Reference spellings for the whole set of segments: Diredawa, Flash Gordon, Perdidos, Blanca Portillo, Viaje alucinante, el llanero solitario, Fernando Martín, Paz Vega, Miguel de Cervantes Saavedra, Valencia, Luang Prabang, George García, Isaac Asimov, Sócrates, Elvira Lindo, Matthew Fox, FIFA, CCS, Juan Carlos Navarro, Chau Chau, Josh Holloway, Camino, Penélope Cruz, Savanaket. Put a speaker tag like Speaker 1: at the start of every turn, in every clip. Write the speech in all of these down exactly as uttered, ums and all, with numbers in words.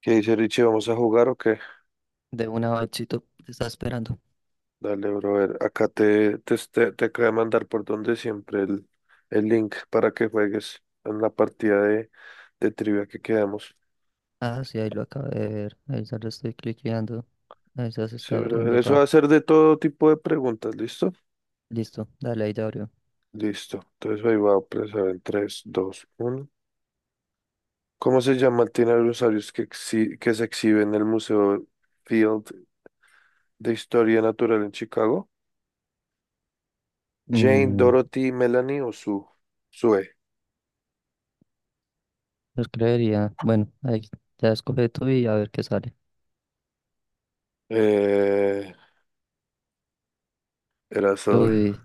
Speaker 1: ¿Qué dice Richie? ¿Vamos a jugar o qué?
Speaker 2: De una bachito te está esperando.
Speaker 1: Dale, brother. Acá te, te, te, te acabo de mandar por donde siempre el, el link para que juegues en la partida de, de trivia que quedamos.
Speaker 2: Ah, sí, ahí lo acabo de ver. Ahí ya lo estoy cliqueando. Ahí ya se
Speaker 1: Sí,
Speaker 2: está
Speaker 1: brother.
Speaker 2: abriendo,
Speaker 1: Eso va
Speaker 2: pa.
Speaker 1: a ser de todo tipo de preguntas, ¿listo?
Speaker 2: Listo, dale, ahí ya abrió.
Speaker 1: Listo. Entonces ahí va a empezar en tres, dos, uno. ¿Cómo se llama el dinosaurio que, exhi- que se exhibe en el Museo Field de Historia Natural en Chicago? ¿Jane,
Speaker 2: Mm,
Speaker 1: Dorothy, Melanie o Sue? Sue.
Speaker 2: los creería. Bueno, ahí ya escoge tú y a ver qué sale.
Speaker 1: Eh, Era Zoe.
Speaker 2: Uy,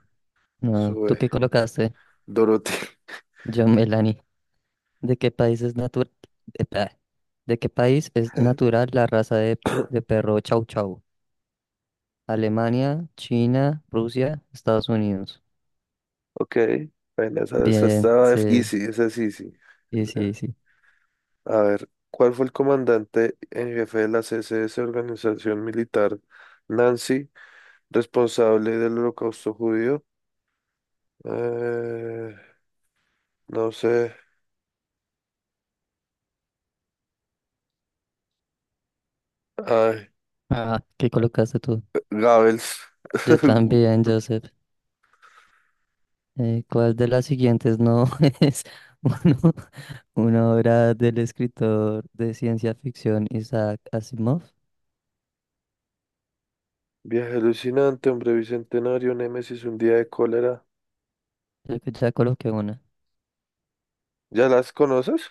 Speaker 2: no, ¿tú
Speaker 1: Sube.
Speaker 2: qué colocaste?
Speaker 1: Dorothy.
Speaker 2: Yo, Melanie. ¿De qué país es natural? ¿De qué país es natural la raza de, p- de perro Chau Chau? Alemania, China, Rusia, Estados Unidos.
Speaker 1: Ok. Bueno, esa, esa
Speaker 2: Bien,
Speaker 1: estaba
Speaker 2: sí,
Speaker 1: easy, esa es easy.
Speaker 2: sí,
Speaker 1: Esa, sí, sí.
Speaker 2: sí, sí.
Speaker 1: A ver, ¿cuál fue el comandante en jefe de la C C S, organización militar Nancy, responsable del holocausto judío? Eh, no sé. Ay,
Speaker 2: Ah, ¿qué colocaste tú?
Speaker 1: Goebbels.
Speaker 2: Yo también, Joseph. Eh, ¿cuál de las siguientes no es uno- una obra del escritor de ciencia ficción Isaac Asimov?
Speaker 1: Viaje alucinante, hombre bicentenario, Némesis, un día de cólera.
Speaker 2: Creo que ya coloqué una.
Speaker 1: ¿Ya las conoces?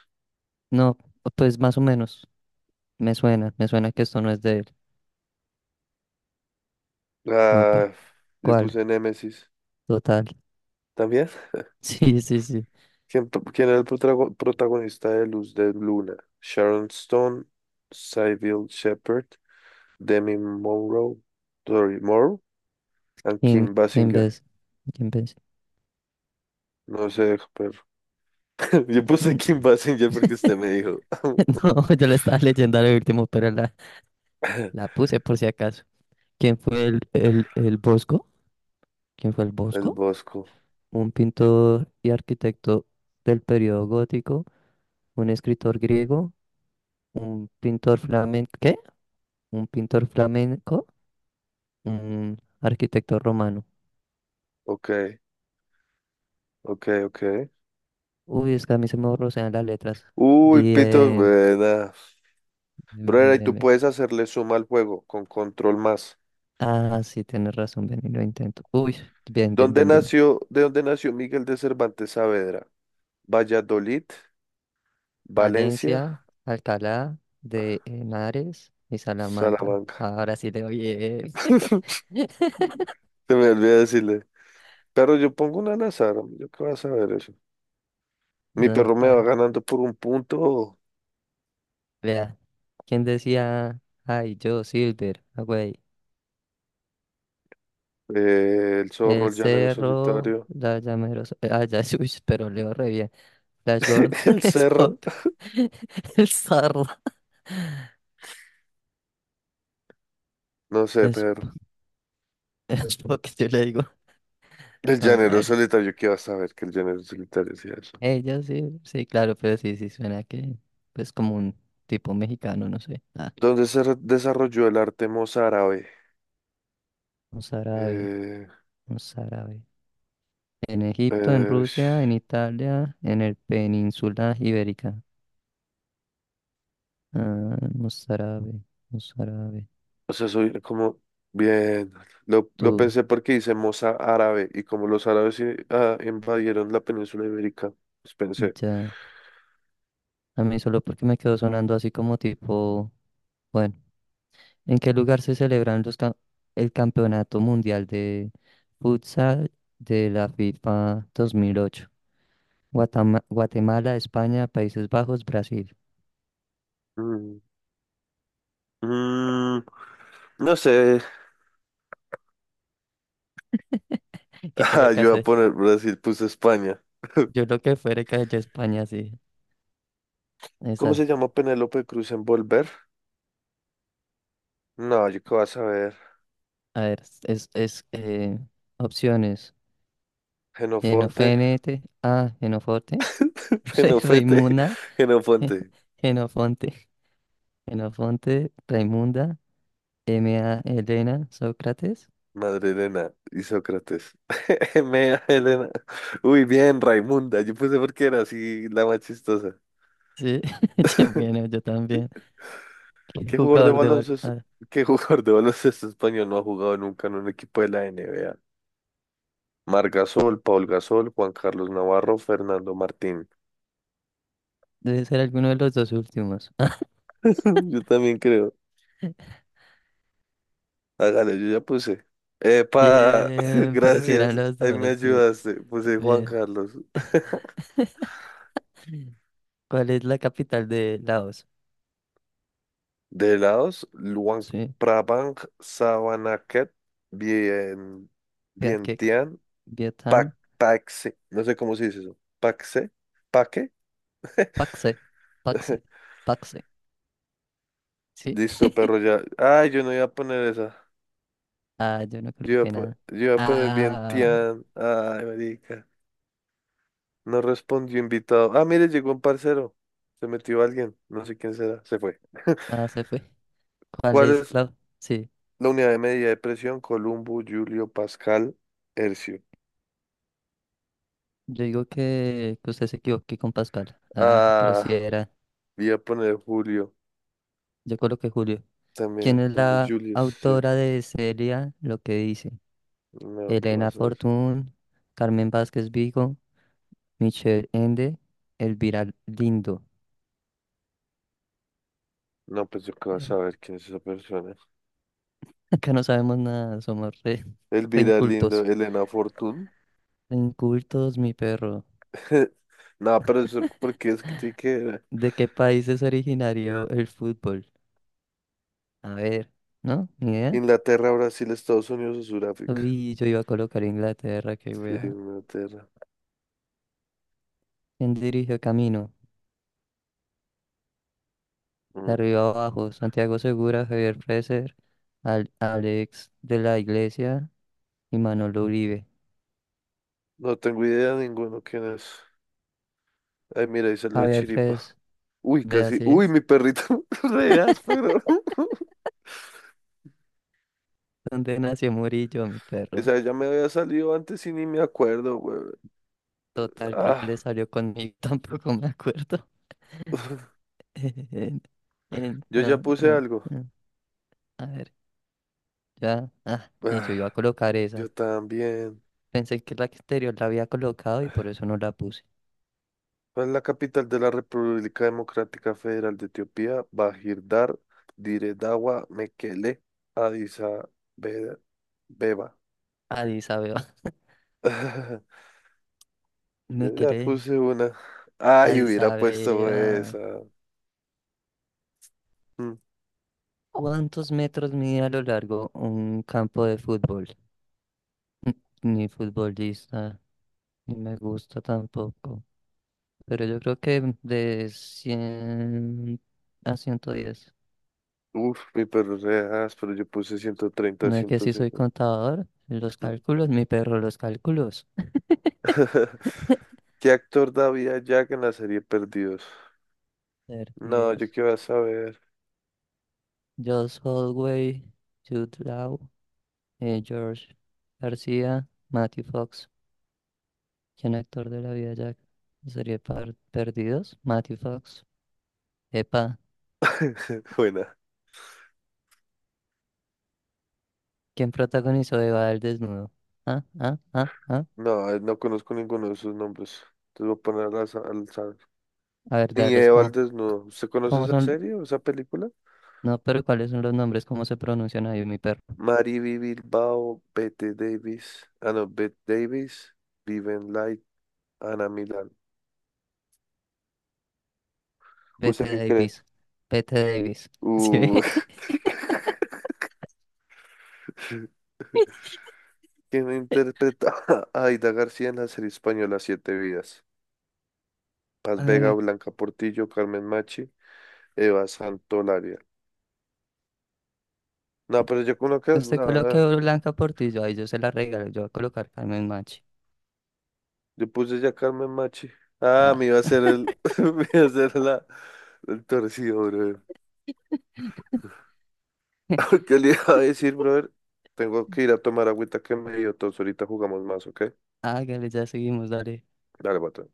Speaker 2: No, pues más o menos. Me suena, me suena que esto no es de él. No, pa.
Speaker 1: Ah, yo
Speaker 2: ¿Cuál?
Speaker 1: puse Némesis.
Speaker 2: Total.
Speaker 1: ¿También?
Speaker 2: Sí, sí, sí.
Speaker 1: ¿Quién, to- ¿quién era el protago- protagonista de Luz de Luna? Sharon Stone, Sybil Shepherd, Demi Monroe, Dori Moore y
Speaker 2: Kim,
Speaker 1: Kim
Speaker 2: Kim
Speaker 1: Basinger.
Speaker 2: Bes- Kim Bes-
Speaker 1: No sé, pero yo puse Kim Basinger porque usted me dijo.
Speaker 2: No, yo la estaba leyendo al último, pero la, la puse por si acaso. ¿Quién fue el, el, el Bosco? ¿Quién fue el
Speaker 1: El
Speaker 2: Bosco?
Speaker 1: Bosco.
Speaker 2: Un pintor y arquitecto del periodo gótico, un escritor griego, un pintor flamenco, ¿qué? Un pintor flamenco, un arquitecto romano.
Speaker 1: Ok, ok, ok.
Speaker 2: Uy, es que a mí se me borrosean las letras.
Speaker 1: Uy, pitos,
Speaker 2: Bien,
Speaker 1: buena.
Speaker 2: bien, bien.
Speaker 1: Brother, y tú
Speaker 2: bien.
Speaker 1: puedes hacerle suma al juego con control más.
Speaker 2: Ah, sí, tienes razón, ven y lo intento. Uy, bien, bien,
Speaker 1: ¿Dónde
Speaker 2: bien, bien.
Speaker 1: nació, ¿de dónde nació Miguel de Cervantes Saavedra? Valladolid, Valencia.
Speaker 2: Palencia, Alcalá de Henares y Salamanca.
Speaker 1: Salamanca.
Speaker 2: Ahora sí le doy.
Speaker 1: Se me olvidó decirle. Pero yo pongo una al azar, hombre, ¿yo qué vas a ver eso? Mi
Speaker 2: No,
Speaker 1: perro me va
Speaker 2: paila.
Speaker 1: ganando por un punto.
Speaker 2: Vea, ¿quién decía? Ay, yo, Silver, ah, güey.
Speaker 1: Eh, el zorro,
Speaker 2: El
Speaker 1: el llanero
Speaker 2: cerro,
Speaker 1: solitario.
Speaker 2: la llamerosa. Ah, ya, uy, pero leo re bien. Flash Gordon,
Speaker 1: El cerro.
Speaker 2: Spock, el zorro.
Speaker 1: No sé,
Speaker 2: Es,
Speaker 1: perro.
Speaker 2: Spock, yo le digo.
Speaker 1: El
Speaker 2: No,
Speaker 1: llanero
Speaker 2: paila.
Speaker 1: solitario, ¿qué vas a ver que el llanero solitario hacía eso?
Speaker 2: Ella sí, sí, claro, pero sí, sí suena que, pues, como un tipo mexicano, no sé. Ah,
Speaker 1: ¿Dónde se re- desarrolló el arte mozárabe?
Speaker 2: un árabe,
Speaker 1: Eh,
Speaker 2: un árabe. En Egipto, en
Speaker 1: eh,
Speaker 2: Rusia, en Italia, en el península ibérica. Ah, un árabe, un árabe.
Speaker 1: O sea, soy como bien. Lo, lo
Speaker 2: Tú,
Speaker 1: pensé porque hice moza árabe y como los árabes eh, ah, invadieron la península ibérica, pues pensé,
Speaker 2: ya. A mí solo porque me quedó sonando así como tipo, bueno, ¿en qué lugar se celebran los cam- el Campeonato Mundial de Futsal de la FIFA dos mil ocho? Guatama- Guatemala, España, Países Bajos, Brasil.
Speaker 1: mm, mm, no sé.
Speaker 2: ¿Qué
Speaker 1: Ah, yo voy a
Speaker 2: colocaste?
Speaker 1: poner Brasil, puse España.
Speaker 2: Yo lo que fuera que haya España, sí.
Speaker 1: ¿Cómo se
Speaker 2: Esa.
Speaker 1: llama Penélope Cruz en Volver? No, yo qué vas a ver.
Speaker 2: A ver, es, es eh, opciones.
Speaker 1: Genofonte,
Speaker 2: Genofenete, ah, Genofonte. Genoforte,
Speaker 1: Genofete,
Speaker 2: Raimunda,
Speaker 1: Genofonte,
Speaker 2: Genofonte, Genofonte, Raimunda. M A. Elena Sócrates.
Speaker 1: Madre Elena y Sócrates. Mea Elena. Uy, bien, Raimunda. Yo puse porque era así la más chistosa.
Speaker 2: Sí, yo, bueno, yo también. ¿Qué
Speaker 1: ¿Qué jugador de
Speaker 2: jugador de bar?
Speaker 1: baloncesto,
Speaker 2: Ah,
Speaker 1: ¿Qué jugador de baloncesto español no ha jugado nunca en un equipo de la N B A? Marc Gasol, Paul Gasol, Juan Carlos Navarro, Fernando Martín.
Speaker 2: debe ser alguno de los dos últimos.
Speaker 1: Yo también creo. Hágale, yo ya puse. Epa,
Speaker 2: Bien, pero si eran
Speaker 1: gracias.
Speaker 2: los
Speaker 1: Ahí me
Speaker 2: dos, sí.
Speaker 1: ayudaste. Puse Juan
Speaker 2: Bien.
Speaker 1: Carlos.
Speaker 2: ¿Cuál es la capital de Laos?
Speaker 1: De Laos, Luang
Speaker 2: Sí.
Speaker 1: Prabang Savanaket, bien,
Speaker 2: Viaquec,
Speaker 1: Vientiane,
Speaker 2: Vietnam,
Speaker 1: Pac, Pacse. No sé cómo se dice eso. Paxe, Paque.
Speaker 2: Paxe, Paxe, Paxe. Sí.
Speaker 1: Listo, perro, ya. Ay, yo no iba a poner esa.
Speaker 2: Ah, yo no
Speaker 1: Yo
Speaker 2: creo
Speaker 1: iba a,
Speaker 2: que
Speaker 1: po-
Speaker 2: nada.
Speaker 1: yo iba a poner bien
Speaker 2: Ah,
Speaker 1: Tian. Ay, marica. No respondió invitado. Ah, mire, llegó un parcero. Se metió alguien. No sé quién será. Se fue.
Speaker 2: ah, se fue. ¿Cuál
Speaker 1: ¿Cuál
Speaker 2: es
Speaker 1: es
Speaker 2: la? Sí.
Speaker 1: la unidad de medida de presión? Columbo, Julio, Pascal, Hercio.
Speaker 2: Yo digo que, que usted se equivoque con Pascual. Ah, pero si
Speaker 1: Ah,
Speaker 2: era.
Speaker 1: voy a poner Julio
Speaker 2: Yo coloqué Julio. ¿Quién
Speaker 1: también.
Speaker 2: es
Speaker 1: Los
Speaker 2: la
Speaker 1: Julios sí.
Speaker 2: autora de Celia? Lo que dice.
Speaker 1: No, ¿qué
Speaker 2: Elena
Speaker 1: vas a ver?
Speaker 2: Fortún, Carmen Vázquez Vigo, Michelle Ende, Elvira Lindo.
Speaker 1: No, pues yo qué vas
Speaker 2: Eh,
Speaker 1: a ver quién es esa persona.
Speaker 2: Acá no sabemos nada, somos re, re
Speaker 1: Elvira Lindo,
Speaker 2: incultos.
Speaker 1: Elena Fortún.
Speaker 2: Re incultos, mi perro.
Speaker 1: No, pero eso porque es que tiene que
Speaker 2: ¿De qué país es originario el fútbol? A ver, ¿no? ¿Ni idea?
Speaker 1: Inglaterra, Brasil, Estados Unidos o Sudáfrica.
Speaker 2: Uy, yo iba a colocar Inglaterra, qué
Speaker 1: Sí,
Speaker 2: wea.
Speaker 1: Inglaterra.
Speaker 2: ¿Quién dirigió Camino? De
Speaker 1: Mm,
Speaker 2: arriba abajo, Santiago Segura, Javier Freser, Al- Alex de la Iglesia y Manolo Uribe.
Speaker 1: no tengo idea de ninguno quién es. Ay, mira, ahí salió
Speaker 2: A
Speaker 1: de
Speaker 2: ver,
Speaker 1: Chiripa.
Speaker 2: Fres,
Speaker 1: Uy,
Speaker 2: ve
Speaker 1: casi.
Speaker 2: así
Speaker 1: Uy,
Speaker 2: es.
Speaker 1: mi perrito. Re áspero.
Speaker 2: ¿Dónde nació Murillo, mi perro?
Speaker 1: Esa ya me había salido antes y ni me acuerdo, güey.
Speaker 2: Total, creo que
Speaker 1: Ah,
Speaker 2: le salió conmigo, tampoco me acuerdo. En- en-
Speaker 1: yo ya
Speaker 2: ah,
Speaker 1: puse
Speaker 2: ah,
Speaker 1: algo.
Speaker 2: ah. A ver, ya. Ah, y yo
Speaker 1: Ah,
Speaker 2: iba a colocar
Speaker 1: yo
Speaker 2: esa.
Speaker 1: también.
Speaker 2: Pensé que la exterior la había colocado y por eso no la puse.
Speaker 1: ¿Cuál es la capital de la República Democrática Federal de Etiopía? Bahirdar, Diredawa, Mekele, Addis Abe- Beba.
Speaker 2: Addis Abeba.
Speaker 1: Yo
Speaker 2: Me
Speaker 1: ya
Speaker 2: quedé.
Speaker 1: puse una. Ay,
Speaker 2: Addis
Speaker 1: hubiera puesto esa.
Speaker 2: Abeba.
Speaker 1: Mm.
Speaker 2: ¿Cuántos metros mide a lo largo un campo de fútbol? Ni futbolista, ni me gusta tampoco, pero yo creo que de cien a ciento diez.
Speaker 1: Uf, mi perro se dejas, pero yo puse ciento treinta,
Speaker 2: No, es que si soy
Speaker 1: ciento cincuenta.
Speaker 2: contador, los
Speaker 1: Mm.
Speaker 2: cálculos, mi perro, los cálculos.
Speaker 1: ¿Qué actor da vida a Jack en la serie Perdidos? No, yo
Speaker 2: Perdidos.
Speaker 1: qué voy a saber.
Speaker 2: Josh Holloway, Jude Law, eh, George García, Matthew Fox. ¿Quién actor de la vida Jack? Sería par- Perdidos, Matthew Fox. Epa,
Speaker 1: Buena.
Speaker 2: ¿quién protagonizó Eva el desnudo? Ah, ah, ah, ah.
Speaker 1: No, eh, no conozco ninguno de sus nombres. Entonces voy a poner al, za- al azar.
Speaker 2: A ver,
Speaker 1: Ni
Speaker 2: darlos,
Speaker 1: Eva al
Speaker 2: ¿cómo,
Speaker 1: desnudo. ¿Usted conoce
Speaker 2: ¿cómo
Speaker 1: esa
Speaker 2: son?
Speaker 1: serie o esa película?
Speaker 2: No, pero ¿cuáles son los nombres? ¿Cómo se pronuncian ahí, mi perro?
Speaker 1: Mariby Bilbao, Bette Davis. Ah, no, Bette Davis, Viven Light, Ana Milán.
Speaker 2: Bette
Speaker 1: ¿Usted qué cree?
Speaker 2: Davis. Bette Davis. ¿Sí
Speaker 1: Uh,
Speaker 2: ve?
Speaker 1: ¿quién interpreta a Aida García en la serie española Siete Vidas? Paz Vega,
Speaker 2: Eh,
Speaker 1: Blanca Portillo, Carmen Machi, Eva Santolaria. No, pero yo con lo que...
Speaker 2: usted coloque
Speaker 1: No,
Speaker 2: Blanca Portillo. Ahí yo se la regalo. Yo voy a colocar Carmen Machi.
Speaker 1: yo puse ya Carmen Machi. Ah, me
Speaker 2: Ah,
Speaker 1: iba a hacer el... me iba a hacer la... el torcido, brother. ¿Qué le iba a decir, brother? Tengo que ir a tomar agüita que me dio tos. Ahorita jugamos más, ¿ok?
Speaker 2: hágale, ya seguimos, dale.
Speaker 1: Dale, bota.